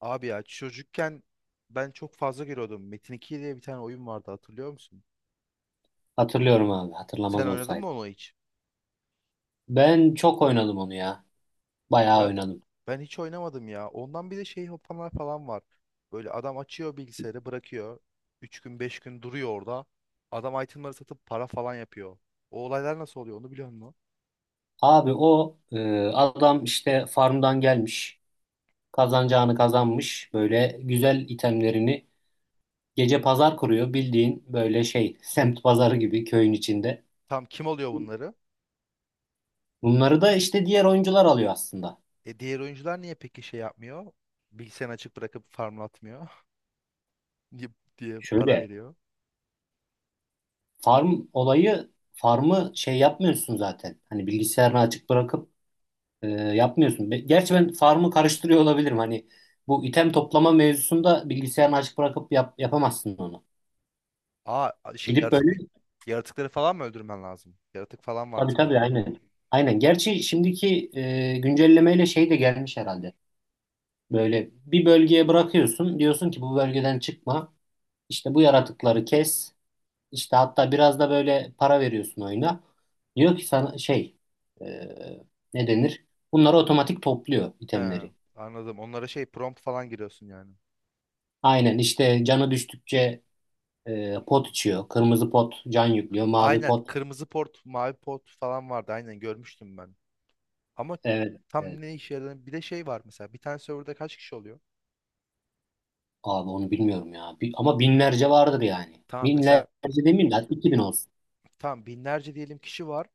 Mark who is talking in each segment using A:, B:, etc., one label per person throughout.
A: Abi ya çocukken ben çok fazla giriyordum. Metin 2 diye bir tane oyun vardı hatırlıyor musun?
B: Hatırlıyorum abi.
A: Sen
B: Hatırlamaz
A: oynadın mı
B: olsaydım.
A: onu hiç?
B: Ben çok oynadım onu ya. Bayağı
A: Ben
B: oynadım.
A: ben hiç oynamadım ya. Ondan bir de şey hopanlar falan var. Böyle adam açıyor bilgisayarı bırakıyor. 3 gün 5 gün duruyor orada. Adam itemları satıp para falan yapıyor. O olaylar nasıl oluyor onu biliyor musun?
B: Abi o adam işte farmdan gelmiş. Kazanacağını kazanmış. Böyle güzel itemlerini gece pazar kuruyor. Bildiğin böyle şey semt pazarı gibi köyün içinde.
A: Tam kim alıyor bunları?
B: Bunları da işte diğer oyuncular alıyor aslında.
A: E diğer oyuncular niye peki şey yapmıyor? Bilgisayarını açık bırakıp farmlatmıyor diye diye para
B: Şöyle
A: veriyor.
B: farm olayı farmı şey yapmıyorsun zaten. Hani bilgisayarını açık bırakıp yapmıyorsun. Gerçi ben farmı karıştırıyor olabilirim. Hani bu item toplama mevzusunda bilgisayarını açık bırakıp yapamazsın onu.
A: Aa, şey
B: Gidip böyle
A: yaratıkları falan mı öldürmen lazım? Yaratık falan vardı
B: tabii tabii
A: sanırım orada.
B: aynen. Aynen. Gerçi şimdiki güncellemeyle şey de gelmiş herhalde. Böyle bir bölgeye bırakıyorsun. Diyorsun ki bu bölgeden çıkma. İşte bu yaratıkları kes. İşte hatta biraz da böyle para veriyorsun oyuna. Diyor ki sana şey e, ne denir? Bunları otomatik topluyor
A: He,
B: itemleri.
A: anladım. Onlara şey prompt falan giriyorsun yani.
B: Aynen işte canı düştükçe pot içiyor. Kırmızı pot can yüklüyor. Mavi
A: Aynen,
B: pot.
A: kırmızı port, mavi port falan vardı. Aynen görmüştüm ben. Ama
B: Evet,
A: tam
B: evet.
A: ne işe yaradığını, bir de şey var mesela. Bir tane serverda kaç kişi oluyor?
B: Abi onu bilmiyorum ya. Ama binlerce vardır yani.
A: Tamam,
B: Binlerce
A: mesela
B: demeyeyim de hadi 2000 olsun.
A: tamam, binlerce diyelim kişi var.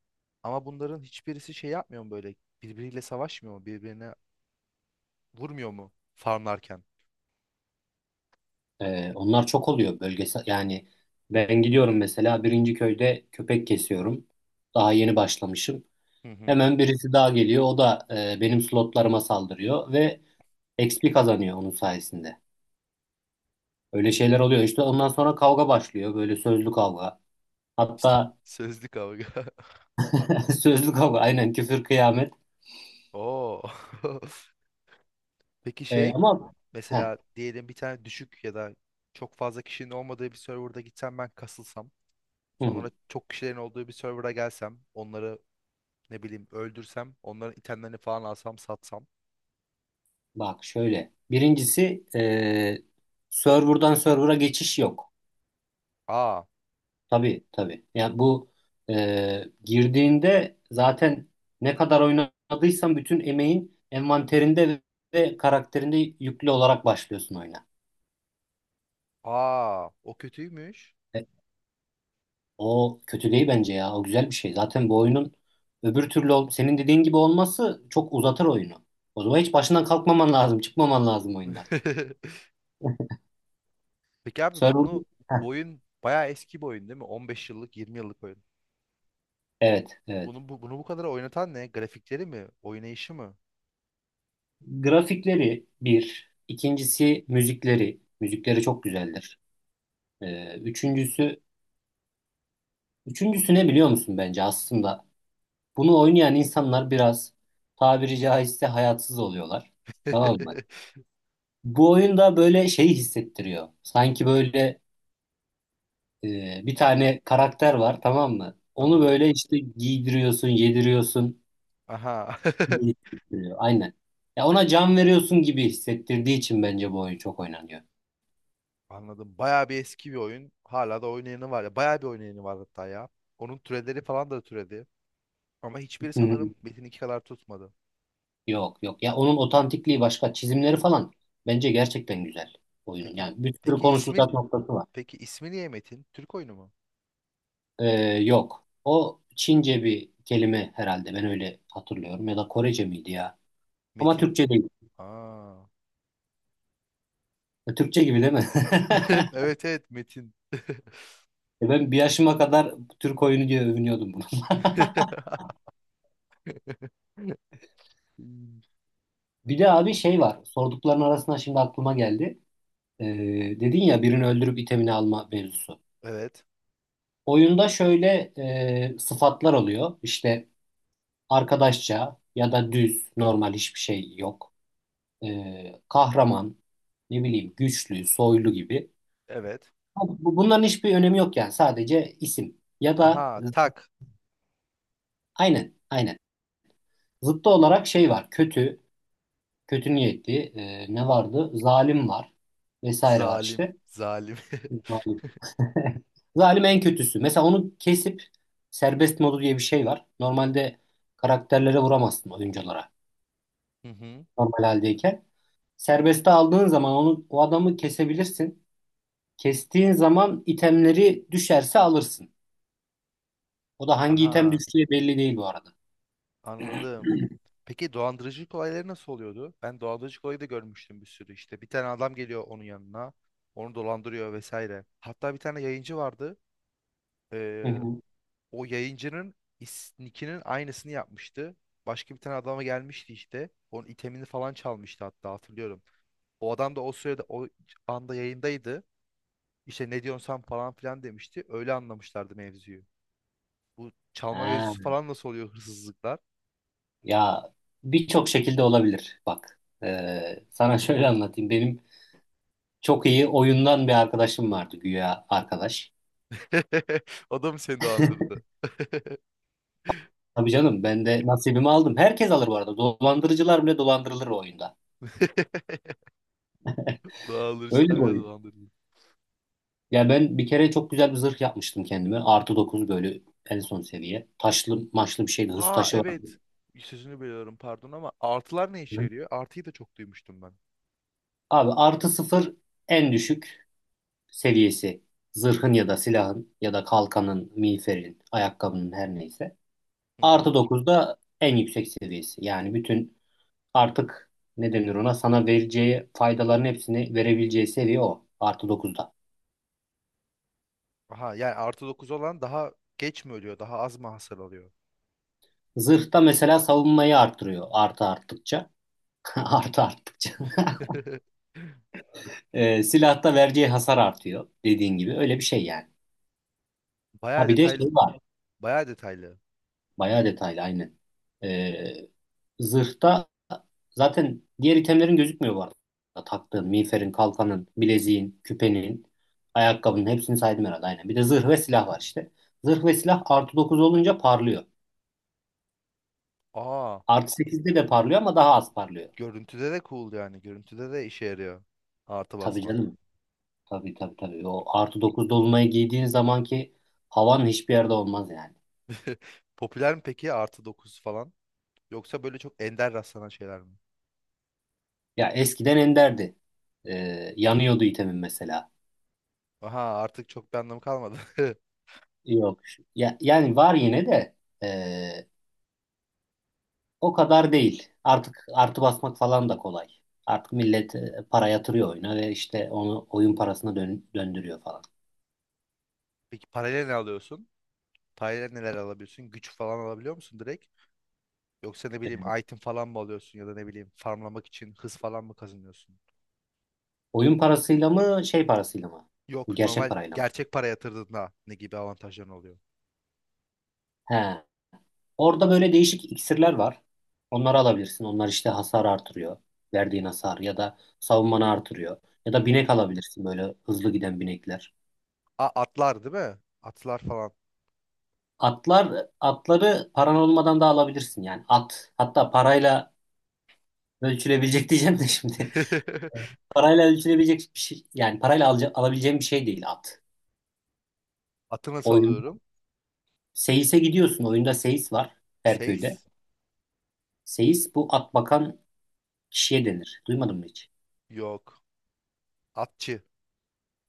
A: Ama bunların hiçbirisi şey yapmıyor mu böyle? Birbiriyle savaşmıyor mu? Birbirine vurmuyor mu farmlarken?
B: Onlar çok oluyor bölgesel. Yani ben gidiyorum mesela birinci köyde köpek kesiyorum. Daha yeni başlamışım.
A: Hı hı.
B: Hemen birisi daha geliyor. O da benim slotlarıma saldırıyor ve XP kazanıyor onun sayesinde. Öyle şeyler oluyor. İşte ondan sonra kavga başlıyor. Böyle sözlü kavga.
A: İşte
B: Hatta
A: sözlü kavga.
B: sözlü kavga. Aynen küfür kıyamet.
A: Oo. Peki
B: Ee,
A: şey,
B: ama heh,
A: mesela diyelim bir tane düşük ya da çok fazla kişinin olmadığı bir serverda gitsem, ben kasılsam,
B: hı hı.
A: sonra çok kişilerin olduğu bir serverda gelsem onları ne bileyim öldürsem, onların itemlerini falan alsam satsam.
B: Bak şöyle. Birincisi serverdan server'a geçiş yok.
A: Aa,
B: Tabii tabii. Yani bu girdiğinde zaten ne kadar oynadıysan bütün emeğin envanterinde ve karakterinde yüklü olarak başlıyorsun oyuna.
A: aa, o kötüymüş.
B: E, o kötü değil bence ya. O güzel bir şey. Zaten bu oyunun öbür türlü senin dediğin gibi olması çok uzatır oyunu. O zaman hiç başından kalkmaman lazım. Çıkmaman lazım oyundan.
A: Peki abi
B: Server... Heh,
A: bu oyun bayağı eski bir oyun değil mi? 15 yıllık, 20 yıllık oyun.
B: evet, evet.
A: Bunu bu kadar oynatan ne? Grafikleri mi? Oynayışı mı?
B: Grafikleri bir. İkincisi müzikleri. Müzikleri çok güzeldir. Üçüncüsü, üçüncüsü ne biliyor musun bence aslında? Bunu oynayan insanlar biraz tabiri caizse hayatsız oluyorlar. Tamam mı? Bu oyunda böyle şeyi hissettiriyor. Sanki böyle bir tane karakter var, tamam mı? Onu
A: Tamam.
B: böyle işte giydiriyorsun, yediriyorsun,
A: Aha.
B: gibi hissettiriyor. Aynen. Ya ona can veriyorsun gibi hissettirdiği için bence bu oyun çok oynanıyor.
A: Anladım. Bayağı bir eski bir oyun. Hala da oynayanı var ya. Bayağı bir oynayanı var hatta ya. Onun türeleri falan da türedi. Ama hiçbiri sanırım Metin 2 kadar tutmadı.
B: Yok yok. Ya onun otantikliği başka. Çizimleri falan bence gerçekten güzel oyunun.
A: Peki
B: Yani bir sürü
A: peki
B: konuşulacak noktası var.
A: ismi niye Metin? Türk oyunu mu?
B: Ee, yok. O Çince bir kelime herhalde. Ben öyle hatırlıyorum. Ya da Korece miydi ya? Ama
A: Metin.
B: Türkçe değil.
A: Aa.
B: Türkçe gibi değil mi?
A: Evet evet Metin.
B: Ben bir yaşıma kadar Türk oyunu diye övünüyordum bunu. Bir de abi şey var. Sordukların arasında şimdi aklıma geldi. Ee, dedin ya, birini öldürüp itemini alma mevzusu.
A: Evet.
B: Oyunda şöyle sıfatlar oluyor. İşte arkadaşça ya da düz, normal, hiçbir şey yok. Kahraman, ne bileyim, güçlü, soylu gibi.
A: Evet.
B: Bunların hiçbir önemi yok, yani sadece isim. Ya da
A: Aha, tak.
B: aynen, aynen. Zıttı olarak şey var, kötü, kötü niyetli, ne vardı? Zalim var, vesaire var
A: Zalim.
B: işte.
A: Zalim.
B: Zalim. Zalim en kötüsü. Mesela onu kesip, serbest modu diye bir şey var. Normalde karakterlere vuramazsın, oyunculara,
A: Hı hı.
B: normal haldeyken. Serbeste aldığın zaman onu, o adamı kesebilirsin. Kestiğin zaman itemleri düşerse alırsın. O da hangi item
A: Aha.
B: düştüğü belli değil bu arada.
A: Anladım. Peki dolandırıcılık olayları nasıl oluyordu? Ben dolandırıcılık olayı da görmüştüm bir sürü işte. Bir tane adam geliyor onun yanına. Onu dolandırıyor vesaire. Hatta bir tane yayıncı vardı.
B: Hı
A: Ee,
B: hı.
A: o yayıncının nickinin aynısını yapmıştı. Başka bir tane adama gelmişti işte. Onun itemini falan çalmıştı, hatta hatırlıyorum. O adam da o anda yayındaydı. İşte ne diyorsun sen falan filan demişti. Öyle anlamışlardı mevzuyu. Bu çalma
B: Ha,
A: mevzusu falan nasıl oluyor, hırsızlıklar?
B: ya, birçok şekilde olabilir. Bak, sana şöyle anlatayım. Benim çok iyi oyundan bir arkadaşım vardı, güya arkadaş.
A: O da mı seni dolandırdı?
B: Tabii canım, ben de nasibimi aldım. Herkes alır bu arada. Dolandırıcılar bile dolandırılır o oyunda. Öyle
A: Dolandırıcılar
B: bir
A: bile
B: oyun.
A: dolandırdı.
B: Ya ben bir kere çok güzel bir zırh yapmıştım kendime. Artı dokuz, böyle en son seviye. Taşlı maçlı bir şeydi. Hız
A: Ha,
B: taşı vardı.
A: evet. Sözünü bölüyorum pardon, ama artılar ne işe
B: Hı.
A: yarıyor? Artıyı da çok duymuştum ben.
B: Abi artı sıfır en düşük seviyesi. Zırhın ya da silahın ya da kalkanın, miğferin, ayakkabının, her neyse.
A: Hı hı.
B: Artı 9 da en yüksek seviyesi. Yani bütün artık ne denir, ona, sana vereceği faydaların hepsini verebileceği seviye o. Artı 9'da.
A: Aha, yani artı 9 olan daha geç mi ölüyor? Daha az mı hasar alıyor?
B: Zırhta mesela savunmayı arttırıyor, artı arttıkça. Artı arttıkça. Silahta vereceği hasar artıyor dediğin gibi, öyle bir şey yani. Ha
A: Bayağı
B: bir de şey
A: detaylı.
B: var,
A: Bayağı detaylı.
B: bayağı detaylı aynen. E, zırhta zaten diğer itemlerin gözükmüyor bu arada. Taktığın, miğferin, kalkanın, bileziğin, küpenin, ayakkabının hepsini saydım herhalde, aynen. Bir de zırh ve silah var işte. Zırh ve silah artı 9 olunca parlıyor.
A: Aa,
B: Artı sekizde de parlıyor ama daha az parlıyor.
A: görüntüde de cool yani. Görüntüde de işe yarıyor. Artı
B: Tabii
A: basmak.
B: canım. Tabii tabii tabii. O artı 9 dolunayı giydiğin zamanki havan hiçbir yerde olmaz yani.
A: Popüler mi peki artı 9 falan? Yoksa böyle çok ender rastlanan şeyler mi?
B: Ya eskiden enderdi. Yanıyordu itemin mesela.
A: Aha, artık çok bir anlamı kalmadı.
B: Yok. Ya, yani var yine de, ee, o kadar değil. Artık artı basmak falan da kolay. Artık millet para yatırıyor oyuna ve işte onu oyun parasına döndürüyor falan.
A: Peki parayla ne alıyorsun? Parayla neler alabiliyorsun? Güç falan alabiliyor musun direkt? Yoksa ne bileyim
B: Evet.
A: item falan mı alıyorsun, ya da ne bileyim farmlamak için hız falan mı kazanıyorsun?
B: Oyun parasıyla mı, şey parasıyla mı?
A: Yok,
B: Gerçek
A: normal
B: parayla mı?
A: gerçek para yatırdığında ne gibi avantajların oluyor?
B: He. Orada böyle değişik iksirler var. Onları alabilirsin. Onlar işte hasar artırıyor. Verdiğin hasar ya da savunmanı artırıyor. Ya
A: Hı
B: da binek
A: hı.
B: alabilirsin, böyle hızlı giden binekler.
A: A, atlar değil mi? Atlar falan.
B: Atlar, atları paran olmadan da alabilirsin yani. At hatta parayla ölçülebilecek diyeceğim de şimdi. Parayla ölçülebilecek bir şey, yani parayla alabileceğim bir şey değil at.
A: Atı nasıl
B: Oyun
A: alıyorum?
B: Seyis'e gidiyorsun. Oyunda Seyis var her köyde.
A: Seis?
B: Seyis bu at bakan kişiye denir. Duymadın mı hiç?
A: Yok. Atçı.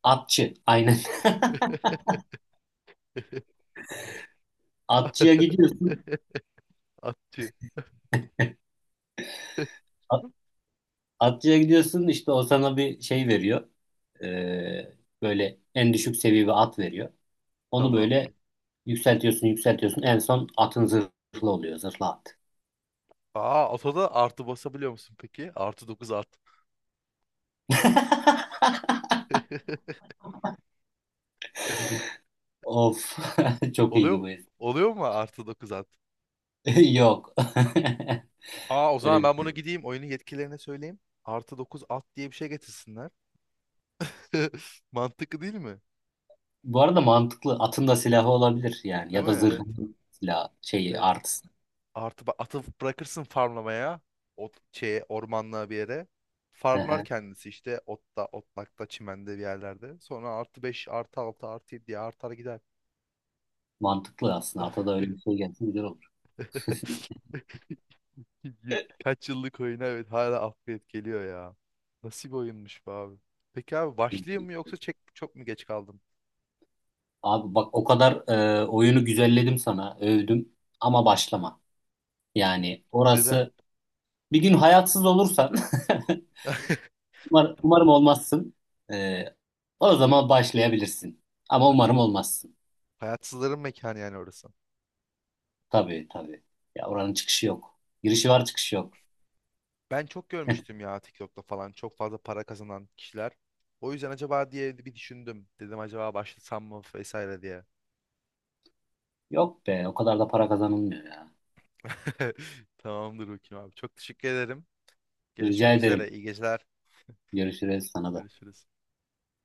B: Atçı, aynen. Atçıya gidiyorsun.
A: Atçı.
B: At- Atçıya gidiyorsun işte, o sana bir şey veriyor. Ee, böyle en düşük seviye bir at veriyor. Onu
A: Tamam.
B: böyle yükseltiyorsun, yükseltiyorsun. En son atın zırhlı oluyor. Zırhlı at.
A: Aa, atoda artı basabiliyor musun peki? Artı 9 at.
B: Of. Çok iyiydi
A: Oluyor
B: bu espri.
A: oluyor mu artı 9 at?
B: Yok.
A: Aa, o
B: Öyle
A: zaman ben bunu
B: bir-
A: gideyim oyunun yetkililerine söyleyeyim. Artı 9 at diye bir şey getirsinler. Mantıklı değil mi?
B: Bu arada mantıklı. Atın da silahı olabilir yani.
A: Değil
B: Ya
A: mi?
B: da
A: Evet.
B: zırhın silahı. Şeyi,
A: Evet.
B: artısı.
A: Atı bırakırsın farmlamaya. Ot şeye, ormanlığa bir yere.
B: Hı
A: Farmlar
B: hı.
A: kendisi işte otta, otlakta, çimende bir yerlerde. Sonra artı 5, artı 6, artı 7 diye artar gider.
B: Mantıklı aslında. Ata da öyle bir şey gelsin, güzel olur.
A: Y- Kaç yıllık oyuna evet hala upgrade geliyor ya. Nasıl bir oyunmuş bu abi. Peki abi başlayayım
B: İyi.
A: mı, yoksa çok mu geç kaldım?
B: Abi bak, o kadar oyunu güzelledim sana. Övdüm. Ama başlama. Yani
A: Neden?
B: orası, bir gün hayatsız olursan Umarım olmazsın. Ee, o zaman başlayabilirsin. Ama umarım olmazsın.
A: Hayatsızların mekanı yani orası.
B: Tabii tabii. Ya oranın çıkışı yok. Girişi var, çıkışı yok.
A: Ben çok görmüştüm ya, TikTok'ta falan çok fazla para kazanan kişiler. O yüzden acaba diye bir düşündüm. Dedim acaba başlasam mı vesaire diye.
B: Yok be, o kadar da para kazanılmıyor ya.
A: Tamamdır, bakayım abi. Çok teşekkür ederim.
B: Rica
A: Görüşmek
B: ederim.
A: üzere. İyi geceler.
B: Görüşürüz sana da.
A: Görüşürüz.